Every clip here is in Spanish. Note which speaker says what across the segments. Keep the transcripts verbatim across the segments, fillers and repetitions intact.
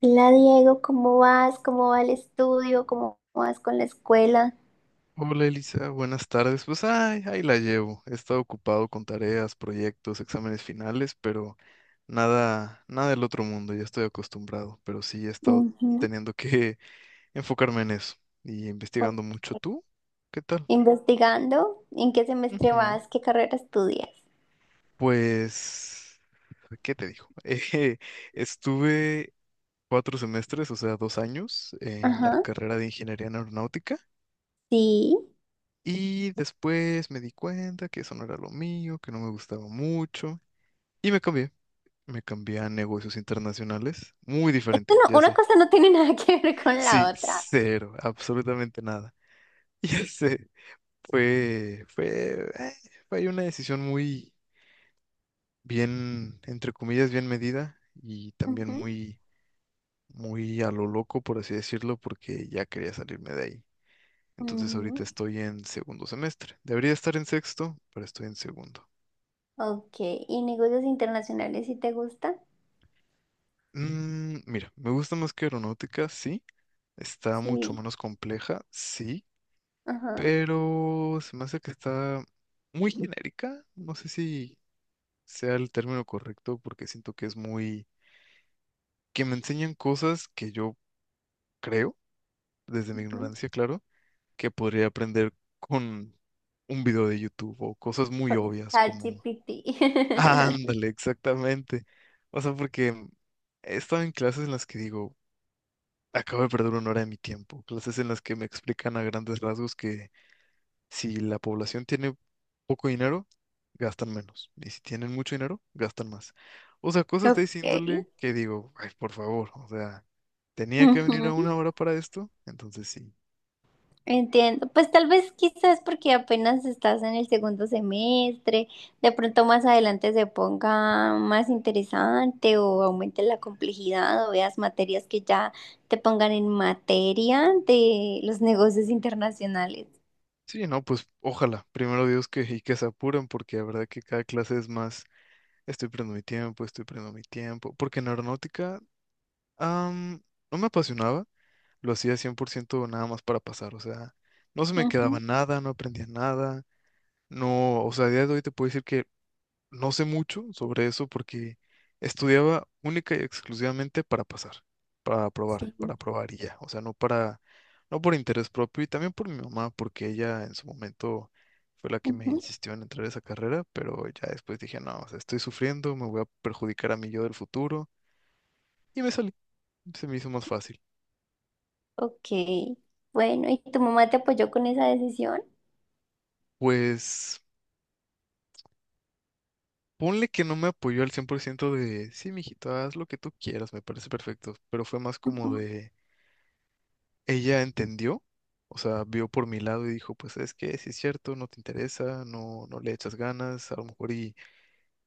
Speaker 1: Hola Diego, ¿cómo vas? ¿Cómo va el estudio? ¿Cómo vas con la escuela?
Speaker 2: Hola Elisa, buenas tardes. Pues ay, ahí la llevo. He estado ocupado con tareas, proyectos, exámenes finales, pero nada, nada del otro mundo, ya estoy acostumbrado, pero sí he estado
Speaker 1: Ujú.
Speaker 2: teniendo que enfocarme en eso y investigando mucho. ¿Tú? ¿Qué tal?
Speaker 1: ¿Investigando? ¿En qué semestre
Speaker 2: Ujú.
Speaker 1: vas? ¿Qué carrera estudias?
Speaker 2: Pues, ¿qué te digo? Eh, estuve cuatro semestres, o sea, dos años en la
Speaker 1: Ajá,
Speaker 2: carrera de ingeniería en aeronáutica
Speaker 1: sí.
Speaker 2: y después me di cuenta que eso no era lo mío, que no me gustaba mucho. Y me cambié. Me cambié a negocios internacionales. Muy
Speaker 1: Esto
Speaker 2: diferente,
Speaker 1: no-
Speaker 2: ya
Speaker 1: Una
Speaker 2: sé.
Speaker 1: cosa no tiene nada que ver con la
Speaker 2: Sí,
Speaker 1: otra.
Speaker 2: cero, absolutamente nada. Ya sé. Fue, fue, eh, fue una decisión muy bien, entre comillas, bien medida y también
Speaker 1: Ujú.
Speaker 2: muy, muy a lo loco, por así decirlo, porque ya quería salirme de ahí. Entonces ahorita
Speaker 1: Mm,
Speaker 2: estoy en segundo semestre. Debería estar en sexto, pero estoy en segundo.
Speaker 1: Ok, ¿y negocios internacionales si te gusta?
Speaker 2: Mm, mira, me gusta más que aeronáutica, sí. Está mucho
Speaker 1: Sí.
Speaker 2: menos compleja, sí,
Speaker 1: Ajá.
Speaker 2: pero se me hace que está muy genérica. No sé si sea el término correcto porque siento que es muy... que me enseñan cosas que yo creo, desde mi
Speaker 1: Ujú.
Speaker 2: ignorancia, claro, que podría aprender con un video de YouTube o cosas muy
Speaker 1: Con
Speaker 2: obvias como...
Speaker 1: ChatGPT.
Speaker 2: Ándale, exactamente. O sea, porque he estado en clases en las que digo, acabo de perder una hora de mi tiempo, clases en las que me explican a grandes rasgos que... si la población tiene poco dinero, gastan menos. Y si tienen mucho dinero, gastan más. O sea, cosas de esa
Speaker 1: Ok.
Speaker 2: índole que digo, ay, por favor, o sea, tenía que venir a
Speaker 1: Ujú.
Speaker 2: una hora para esto, entonces sí.
Speaker 1: Entiendo, pues tal vez quizás porque apenas estás en el segundo semestre, de pronto más adelante se ponga más interesante o aumente la complejidad o veas materias que ya te pongan en materia de los negocios internacionales.
Speaker 2: Sí, no, pues ojalá, primero Dios, que y que se apuren, porque la verdad que cada clase es más, estoy perdiendo mi tiempo, estoy perdiendo mi tiempo, porque en aeronáutica am, no me apasionaba, lo hacía cien por ciento nada más para pasar, o sea, no se me quedaba
Speaker 1: Ujú,
Speaker 2: nada, no aprendía nada, no, o sea, a día de hoy te puedo decir que no sé mucho sobre eso porque estudiaba única y exclusivamente para pasar, para
Speaker 1: sí,
Speaker 2: aprobar, para aprobar y ya. O sea, no para, no por interés propio y también por mi mamá, porque ella en su momento fue la que me
Speaker 1: ujú,
Speaker 2: insistió en entrar a esa carrera, pero ya después dije, no, o sea, estoy sufriendo, me voy a perjudicar a mi yo del futuro y me salí. Se me hizo más fácil.
Speaker 1: ok. Bueno, ¿y tu mamá te apoyó con esa decisión?
Speaker 2: Pues ponle que no me apoyó al cien por ciento de, sí, mijito, haz lo que tú quieras, me parece perfecto, pero fue más como
Speaker 1: Ujú,
Speaker 2: de... ella entendió, o sea, vio por mi lado y dijo, pues es que si es cierto, no te interesa, no, no le echas ganas, a lo mejor y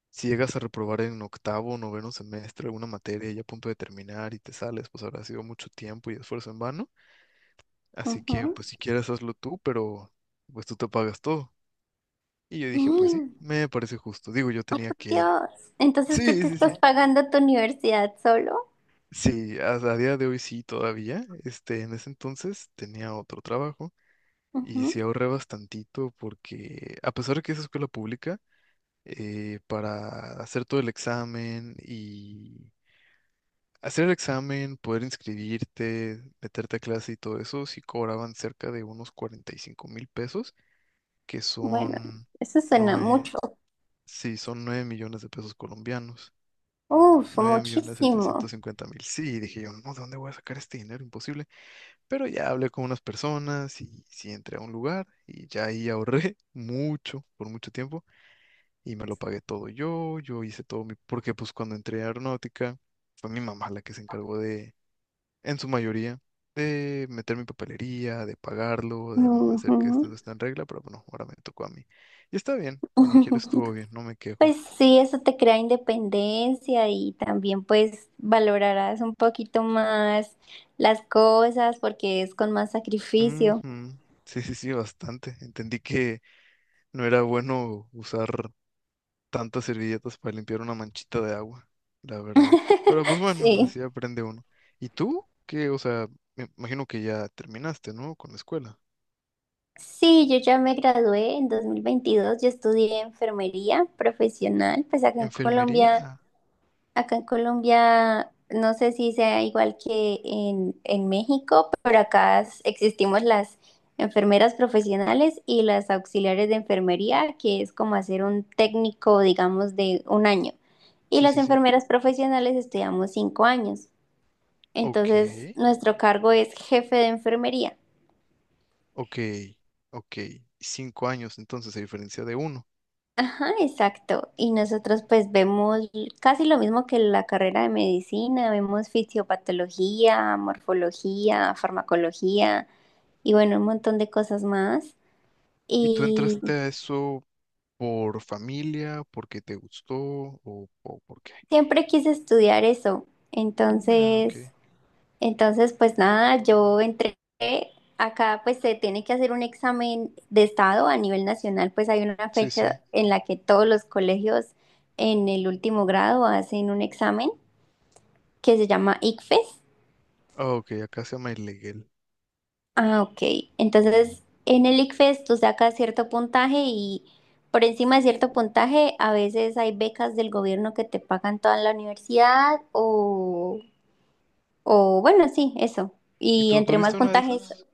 Speaker 2: si llegas a reprobar en octavo, noveno semestre alguna materia ya a punto de terminar y te sales, pues habrá sido mucho tiempo y esfuerzo en vano, así que
Speaker 1: ujú.
Speaker 2: pues si quieres hazlo tú, pero pues tú te pagas todo. Y yo dije, pues sí,
Speaker 1: Mm,
Speaker 2: me parece justo, digo, yo
Speaker 1: Oh,
Speaker 2: tenía
Speaker 1: por
Speaker 2: que...
Speaker 1: Dios. Entonces tú te
Speaker 2: Sí, sí,
Speaker 1: estás
Speaker 2: sí.
Speaker 1: pagando tu universidad solo.
Speaker 2: Sí, hasta a día de hoy sí todavía. Este, en ese entonces tenía otro trabajo. Y sí ahorré bastantito porque a pesar de que es escuela pública, eh, para hacer todo el examen y hacer el examen, poder inscribirte, meterte a clase y todo eso, sí cobraban cerca de unos cuarenta y cinco mil pesos, que
Speaker 1: Bueno,
Speaker 2: son
Speaker 1: eso suena
Speaker 2: nueve,
Speaker 1: mucho.
Speaker 2: sí, son nueve millones de pesos colombianos.
Speaker 1: Uf,
Speaker 2: nueve millones
Speaker 1: muchísimo.
Speaker 2: setecientos cincuenta mil. Sí, dije yo, no, ¿de dónde voy a sacar este dinero? Imposible. Pero ya hablé con unas personas y sí entré a un lugar y ya ahí ahorré mucho, por mucho tiempo, y me lo pagué todo yo, yo hice todo mi, porque pues cuando entré a aeronáutica fue mi mamá la que se encargó de, en su mayoría, de meter mi papelería, de pagarlo, de hacer que
Speaker 1: Ujú.
Speaker 2: esto no esté en regla, pero bueno, ahora me tocó a mí. Y está bien, como quieres estuvo bien, no me quejo.
Speaker 1: Pues sí, eso te crea independencia y también pues valorarás un poquito más las cosas porque es con más sacrificio.
Speaker 2: Ujú. Sí, sí, sí, bastante. Entendí que no era bueno usar tantas servilletas para limpiar una manchita de agua, la verdad. Pero pues bueno,
Speaker 1: Sí.
Speaker 2: así aprende uno. ¿Y tú? ¿Qué? O sea, me imagino que ya terminaste, ¿no? Con la escuela.
Speaker 1: Sí, yo ya me gradué en dos mil veintidós. Yo estudié enfermería profesional, pues acá en
Speaker 2: ¿Enfermería?
Speaker 1: Colombia.
Speaker 2: Ah,
Speaker 1: Acá en Colombia, no sé si sea igual que en, en México, pero acá s- existimos las enfermeras profesionales y las auxiliares de enfermería, que es como hacer un técnico, digamos, de un año. Y
Speaker 2: sí,
Speaker 1: las
Speaker 2: sí, sí.
Speaker 1: enfermeras profesionales estudiamos cinco años.
Speaker 2: Ok,
Speaker 1: Entonces, nuestro cargo es jefe de enfermería.
Speaker 2: ok, ok. Cinco años entonces, a diferencia de uno.
Speaker 1: Ajá, exacto. Y nosotros pues vemos casi lo mismo que la carrera de medicina, vemos fisiopatología, morfología, farmacología y bueno, un montón de cosas más.
Speaker 2: ¿Y tú
Speaker 1: Y
Speaker 2: entraste a eso por familia, porque te gustó o, o por qué?
Speaker 1: siempre quise estudiar eso.
Speaker 2: Ah, mira, ok.
Speaker 1: Entonces, entonces pues nada, yo entré, acá pues se tiene que hacer un examen de estado a nivel nacional, pues hay una
Speaker 2: Sí, sí.
Speaker 1: fecha en la que todos los colegios en el último grado hacen un examen que se llama ICFES.
Speaker 2: Ah, ok, acá se llama ilegal.
Speaker 1: Ah, ok. Entonces, en el ICFES tú sacas cierto puntaje y por encima de cierto puntaje a veces hay becas del gobierno que te pagan toda la universidad o, o bueno, sí, eso.
Speaker 2: ¿Y
Speaker 1: Y
Speaker 2: tú
Speaker 1: entre más
Speaker 2: tuviste una de
Speaker 1: puntajes,
Speaker 2: esas?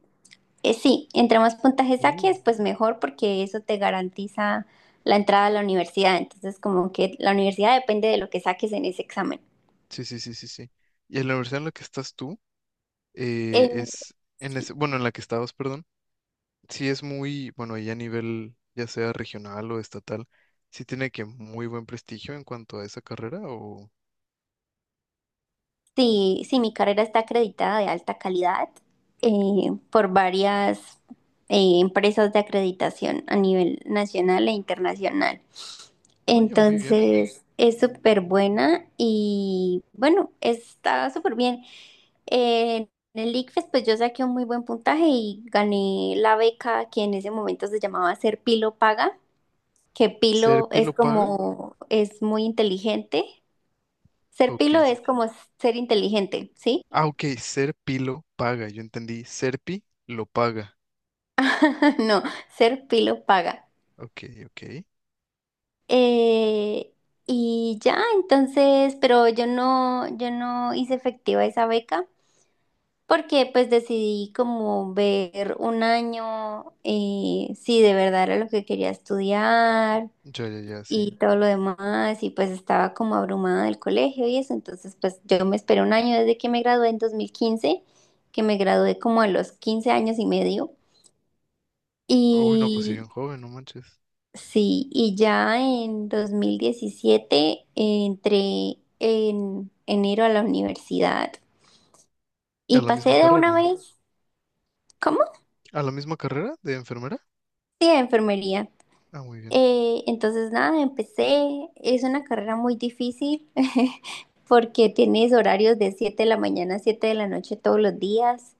Speaker 1: eh, sí, entre más puntajes
Speaker 2: Uh.
Speaker 1: saques, pues mejor porque eso te garantiza la entrada a la universidad. Entonces, como que la universidad depende de lo que saques en ese examen.
Speaker 2: Sí, sí, sí, sí, sí. Y en la universidad en la que estás tú, eh, es, en ese, bueno, en la que estabas, perdón, sí es muy, bueno, y a nivel ya sea regional o estatal, sí tiene que muy buen prestigio en cuanto a esa carrera o,
Speaker 1: Sí, sí, mi carrera está acreditada de alta calidad eh, por varias eh, empresas de acreditación a nivel nacional e internacional.
Speaker 2: oye, muy bien.
Speaker 1: Entonces, es súper buena y bueno, está súper bien. Eh, en el ICFES, pues yo saqué un muy buen puntaje y gané la beca que en ese momento se llamaba Ser Pilo Paga, que Pilo
Speaker 2: ¿Serpi
Speaker 1: es
Speaker 2: lo paga?
Speaker 1: como, es muy inteligente. Ser
Speaker 2: Ok.
Speaker 1: Pilo
Speaker 2: s-
Speaker 1: es como ser inteligente, ¿sí?
Speaker 2: Ah, ok, Serpi lo paga, yo entendí, Serpi lo paga.
Speaker 1: No, ser pilo paga.
Speaker 2: Ok, ok.
Speaker 1: Eh, y ya, entonces, pero yo no, yo no hice efectiva esa beca porque pues decidí como ver un año eh, si de verdad era lo que quería estudiar
Speaker 2: Ya, ya, ya, sí.
Speaker 1: y todo lo demás y pues estaba como abrumada del colegio y eso, entonces pues yo me esperé un año desde que me gradué en dos mil quince, que me gradué como a los quince años y medio.
Speaker 2: Uy, no, pues sí,
Speaker 1: Y,
Speaker 2: bien joven, no manches.
Speaker 1: sí, y ya en dos mil diecisiete entré en enero a la universidad
Speaker 2: ¿A
Speaker 1: y
Speaker 2: la
Speaker 1: pasé
Speaker 2: misma
Speaker 1: de una
Speaker 2: carrera?
Speaker 1: vez. ¿Cómo?
Speaker 2: ¿A la misma carrera de enfermera?
Speaker 1: Sí, a enfermería.
Speaker 2: Ah, muy bien.
Speaker 1: Eh, entonces, nada, empecé. Es una carrera muy difícil porque tienes horarios de siete de la mañana a siete de la noche todos los días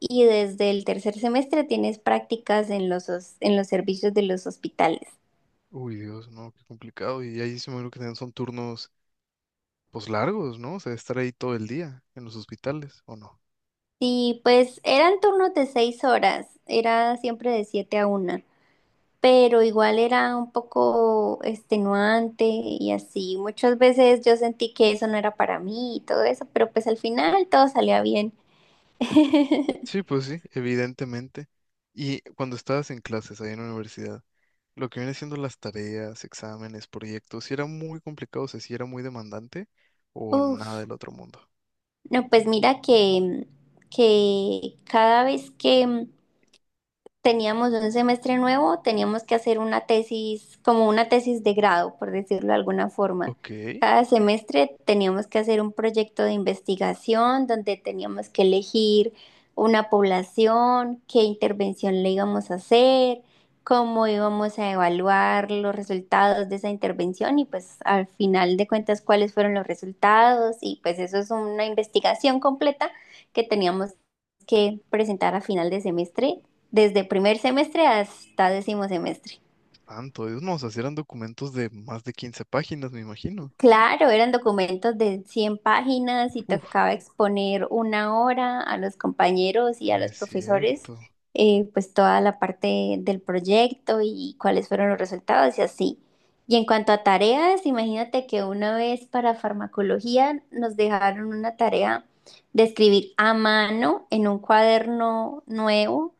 Speaker 1: y desde el tercer semestre tienes prácticas en los, hos- en los servicios de los hospitales.
Speaker 2: Uy, Dios, no, qué complicado. Y ahí se me lo que tienen son turnos, pues largos, ¿no? O sea, estar ahí todo el día en los hospitales, ¿o no?
Speaker 1: Y pues eran turnos de seis horas, era siempre de siete a una. Pero igual era un poco extenuante y así. Muchas veces yo sentí que eso no era para mí y todo eso, pero pues al final todo salía bien.
Speaker 2: Sí, pues sí, evidentemente. Y cuando estabas en clases ahí en la universidad, lo que viene siendo las tareas, exámenes, proyectos, si era muy complicado, o sea, si era muy demandante o nada
Speaker 1: Uf,
Speaker 2: del otro mundo.
Speaker 1: no, pues mira que, que, cada vez que teníamos un semestre nuevo, teníamos que hacer una tesis, como una tesis de grado, por decirlo de alguna forma.
Speaker 2: Ok,
Speaker 1: Cada semestre teníamos que hacer un proyecto de investigación donde teníamos que elegir una población, qué intervención le íbamos a hacer, cómo íbamos a evaluar los resultados de esa intervención y pues al final de cuentas cuáles fueron los resultados y pues eso es una investigación completa que teníamos que presentar a final de semestre desde primer semestre hasta décimo semestre.
Speaker 2: tanto, Dios, no, o sea, si eran documentos de más de quince páginas, me imagino.
Speaker 1: Claro, eran documentos de cien páginas y
Speaker 2: Uf,
Speaker 1: tocaba exponer una hora a los compañeros y a
Speaker 2: no
Speaker 1: los
Speaker 2: es
Speaker 1: profesores,
Speaker 2: cierto,
Speaker 1: eh, pues toda la parte del proyecto y cuáles fueron los resultados y así. Y en cuanto a tareas, imagínate que una vez para farmacología nos dejaron una tarea de escribir a mano en un cuaderno nuevo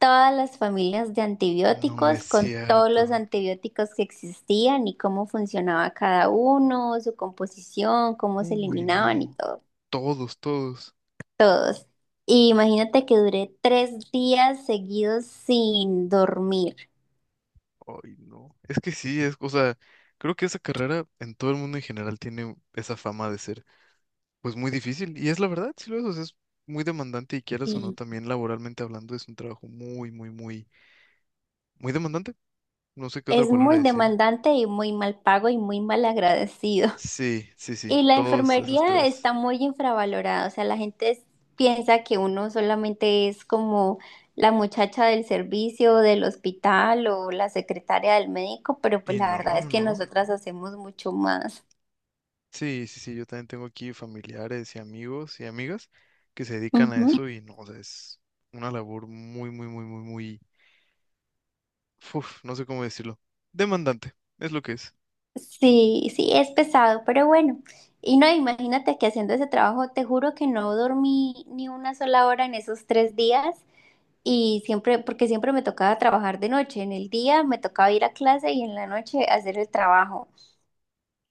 Speaker 1: todas las familias de
Speaker 2: no
Speaker 1: antibióticos,
Speaker 2: es
Speaker 1: con todos los
Speaker 2: cierto.
Speaker 1: antibióticos que existían y cómo funcionaba cada uno, su composición, cómo se
Speaker 2: Uy,
Speaker 1: eliminaban y
Speaker 2: no,
Speaker 1: todo,
Speaker 2: todos, todos.
Speaker 1: todos. Y imagínate que duré tres días seguidos sin dormir.
Speaker 2: Ay, no. Es que sí, es, o sea, creo que esa carrera en todo el mundo en general tiene esa fama de ser, pues, muy difícil. Y es la verdad, sí lo es, o sea, es muy demandante y quieras o no,
Speaker 1: Y
Speaker 2: también laboralmente hablando, es un trabajo muy, muy, muy, muy demandante. No sé qué otra
Speaker 1: es
Speaker 2: palabra
Speaker 1: muy
Speaker 2: decir.
Speaker 1: demandante y muy mal pago y muy mal agradecido.
Speaker 2: Sí, sí, sí,
Speaker 1: Y la
Speaker 2: todos esos
Speaker 1: enfermería
Speaker 2: tres.
Speaker 1: está muy infravalorada, o sea, la gente es- piensa que uno solamente es como la muchacha del servicio, del hospital o la secretaria del médico, pero pues
Speaker 2: Y
Speaker 1: la verdad
Speaker 2: no,
Speaker 1: es
Speaker 2: no,
Speaker 1: que
Speaker 2: no.
Speaker 1: nosotras hacemos mucho más.
Speaker 2: Sí, sí, sí, yo también tengo aquí familiares y amigos y amigas que se dedican a
Speaker 1: Ujú.
Speaker 2: eso y no, o sea, es una labor muy, muy, muy, muy, muy, uf, no sé cómo decirlo. Demandante, es lo que es.
Speaker 1: Sí, sí, es pesado, pero bueno. Y no, imagínate que haciendo ese trabajo, te juro que no dormí ni una sola hora en esos tres días y siempre, porque siempre me tocaba trabajar de noche, en el día me tocaba ir a clase y en la noche hacer el trabajo.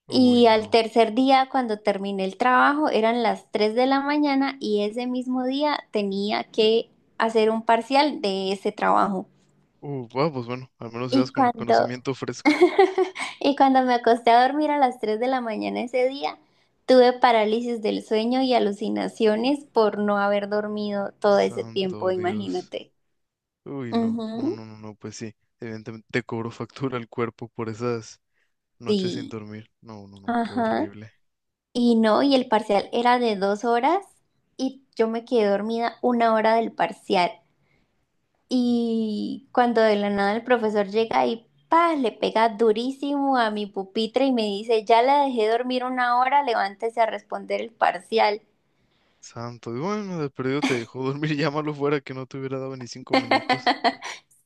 Speaker 1: Y
Speaker 2: Uy,
Speaker 1: al
Speaker 2: no.
Speaker 1: tercer día, cuando terminé el trabajo, eran las tres de la mañana y ese mismo día tenía que hacer un parcial de ese trabajo.
Speaker 2: Uh, bueno, pues bueno, al menos ibas
Speaker 1: Y
Speaker 2: con el
Speaker 1: cuando,
Speaker 2: conocimiento fresco.
Speaker 1: y cuando me acosté a dormir a las tres de la mañana ese día, tuve parálisis del sueño y alucinaciones por no haber dormido todo ese tiempo,
Speaker 2: Santo Dios.
Speaker 1: imagínate.
Speaker 2: Uy, no, no,
Speaker 1: Ujú.
Speaker 2: no, no, no, pues sí. Evidentemente te cobró factura el cuerpo por esas noches sin
Speaker 1: Sí,
Speaker 2: dormir. No, no, no, qué
Speaker 1: ajá.
Speaker 2: horrible.
Speaker 1: Y no, y el parcial era de dos horas y yo me quedé dormida una hora del parcial. Y cuando de la nada el profesor llega y ¡pah! Le pega durísimo a mi pupitre y me dice, ya la dejé dormir una hora, levántese a responder el parcial.
Speaker 2: Santo Dios. Bueno, de perdido te dejó dormir, llámalo fuera que no te hubiera dado ni cinco minutos.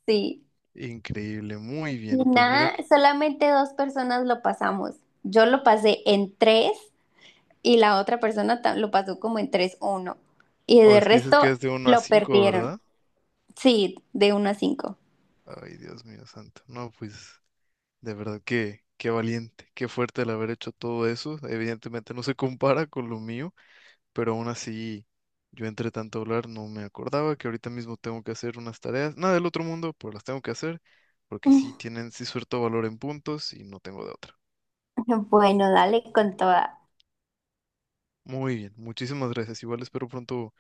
Speaker 1: Sí.
Speaker 2: Increíble, muy
Speaker 1: Y
Speaker 2: bien. Pues mira
Speaker 1: nada,
Speaker 2: que.
Speaker 1: solamente dos personas lo pasamos. Yo lo pasé en tres y la otra persona ta- lo pasó como en tres uno. Y
Speaker 2: Oh,
Speaker 1: de
Speaker 2: es que dices que
Speaker 1: resto
Speaker 2: es de uno a
Speaker 1: lo
Speaker 2: cinco,
Speaker 1: perdieron.
Speaker 2: ¿verdad?
Speaker 1: Sí, de uno a cinco.
Speaker 2: Ay, Dios mío santo. No, pues. De verdad que qué valiente, qué fuerte el haber hecho todo eso. Evidentemente no se compara con lo mío, pero aún así yo entre tanto hablar no me acordaba que ahorita mismo tengo que hacer unas tareas, nada del otro mundo, pero las tengo que hacer porque sí tienen, sí suelto valor en puntos y no tengo de otra.
Speaker 1: Bueno, dale con toda.
Speaker 2: Muy bien, muchísimas gracias. Igual espero pronto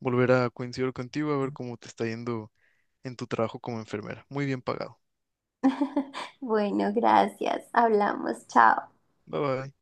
Speaker 2: volver a coincidir contigo a ver cómo te está yendo en tu trabajo como enfermera. Muy bien pagado.
Speaker 1: Bueno, gracias. Hablamos. Chao.
Speaker 2: Bye bye.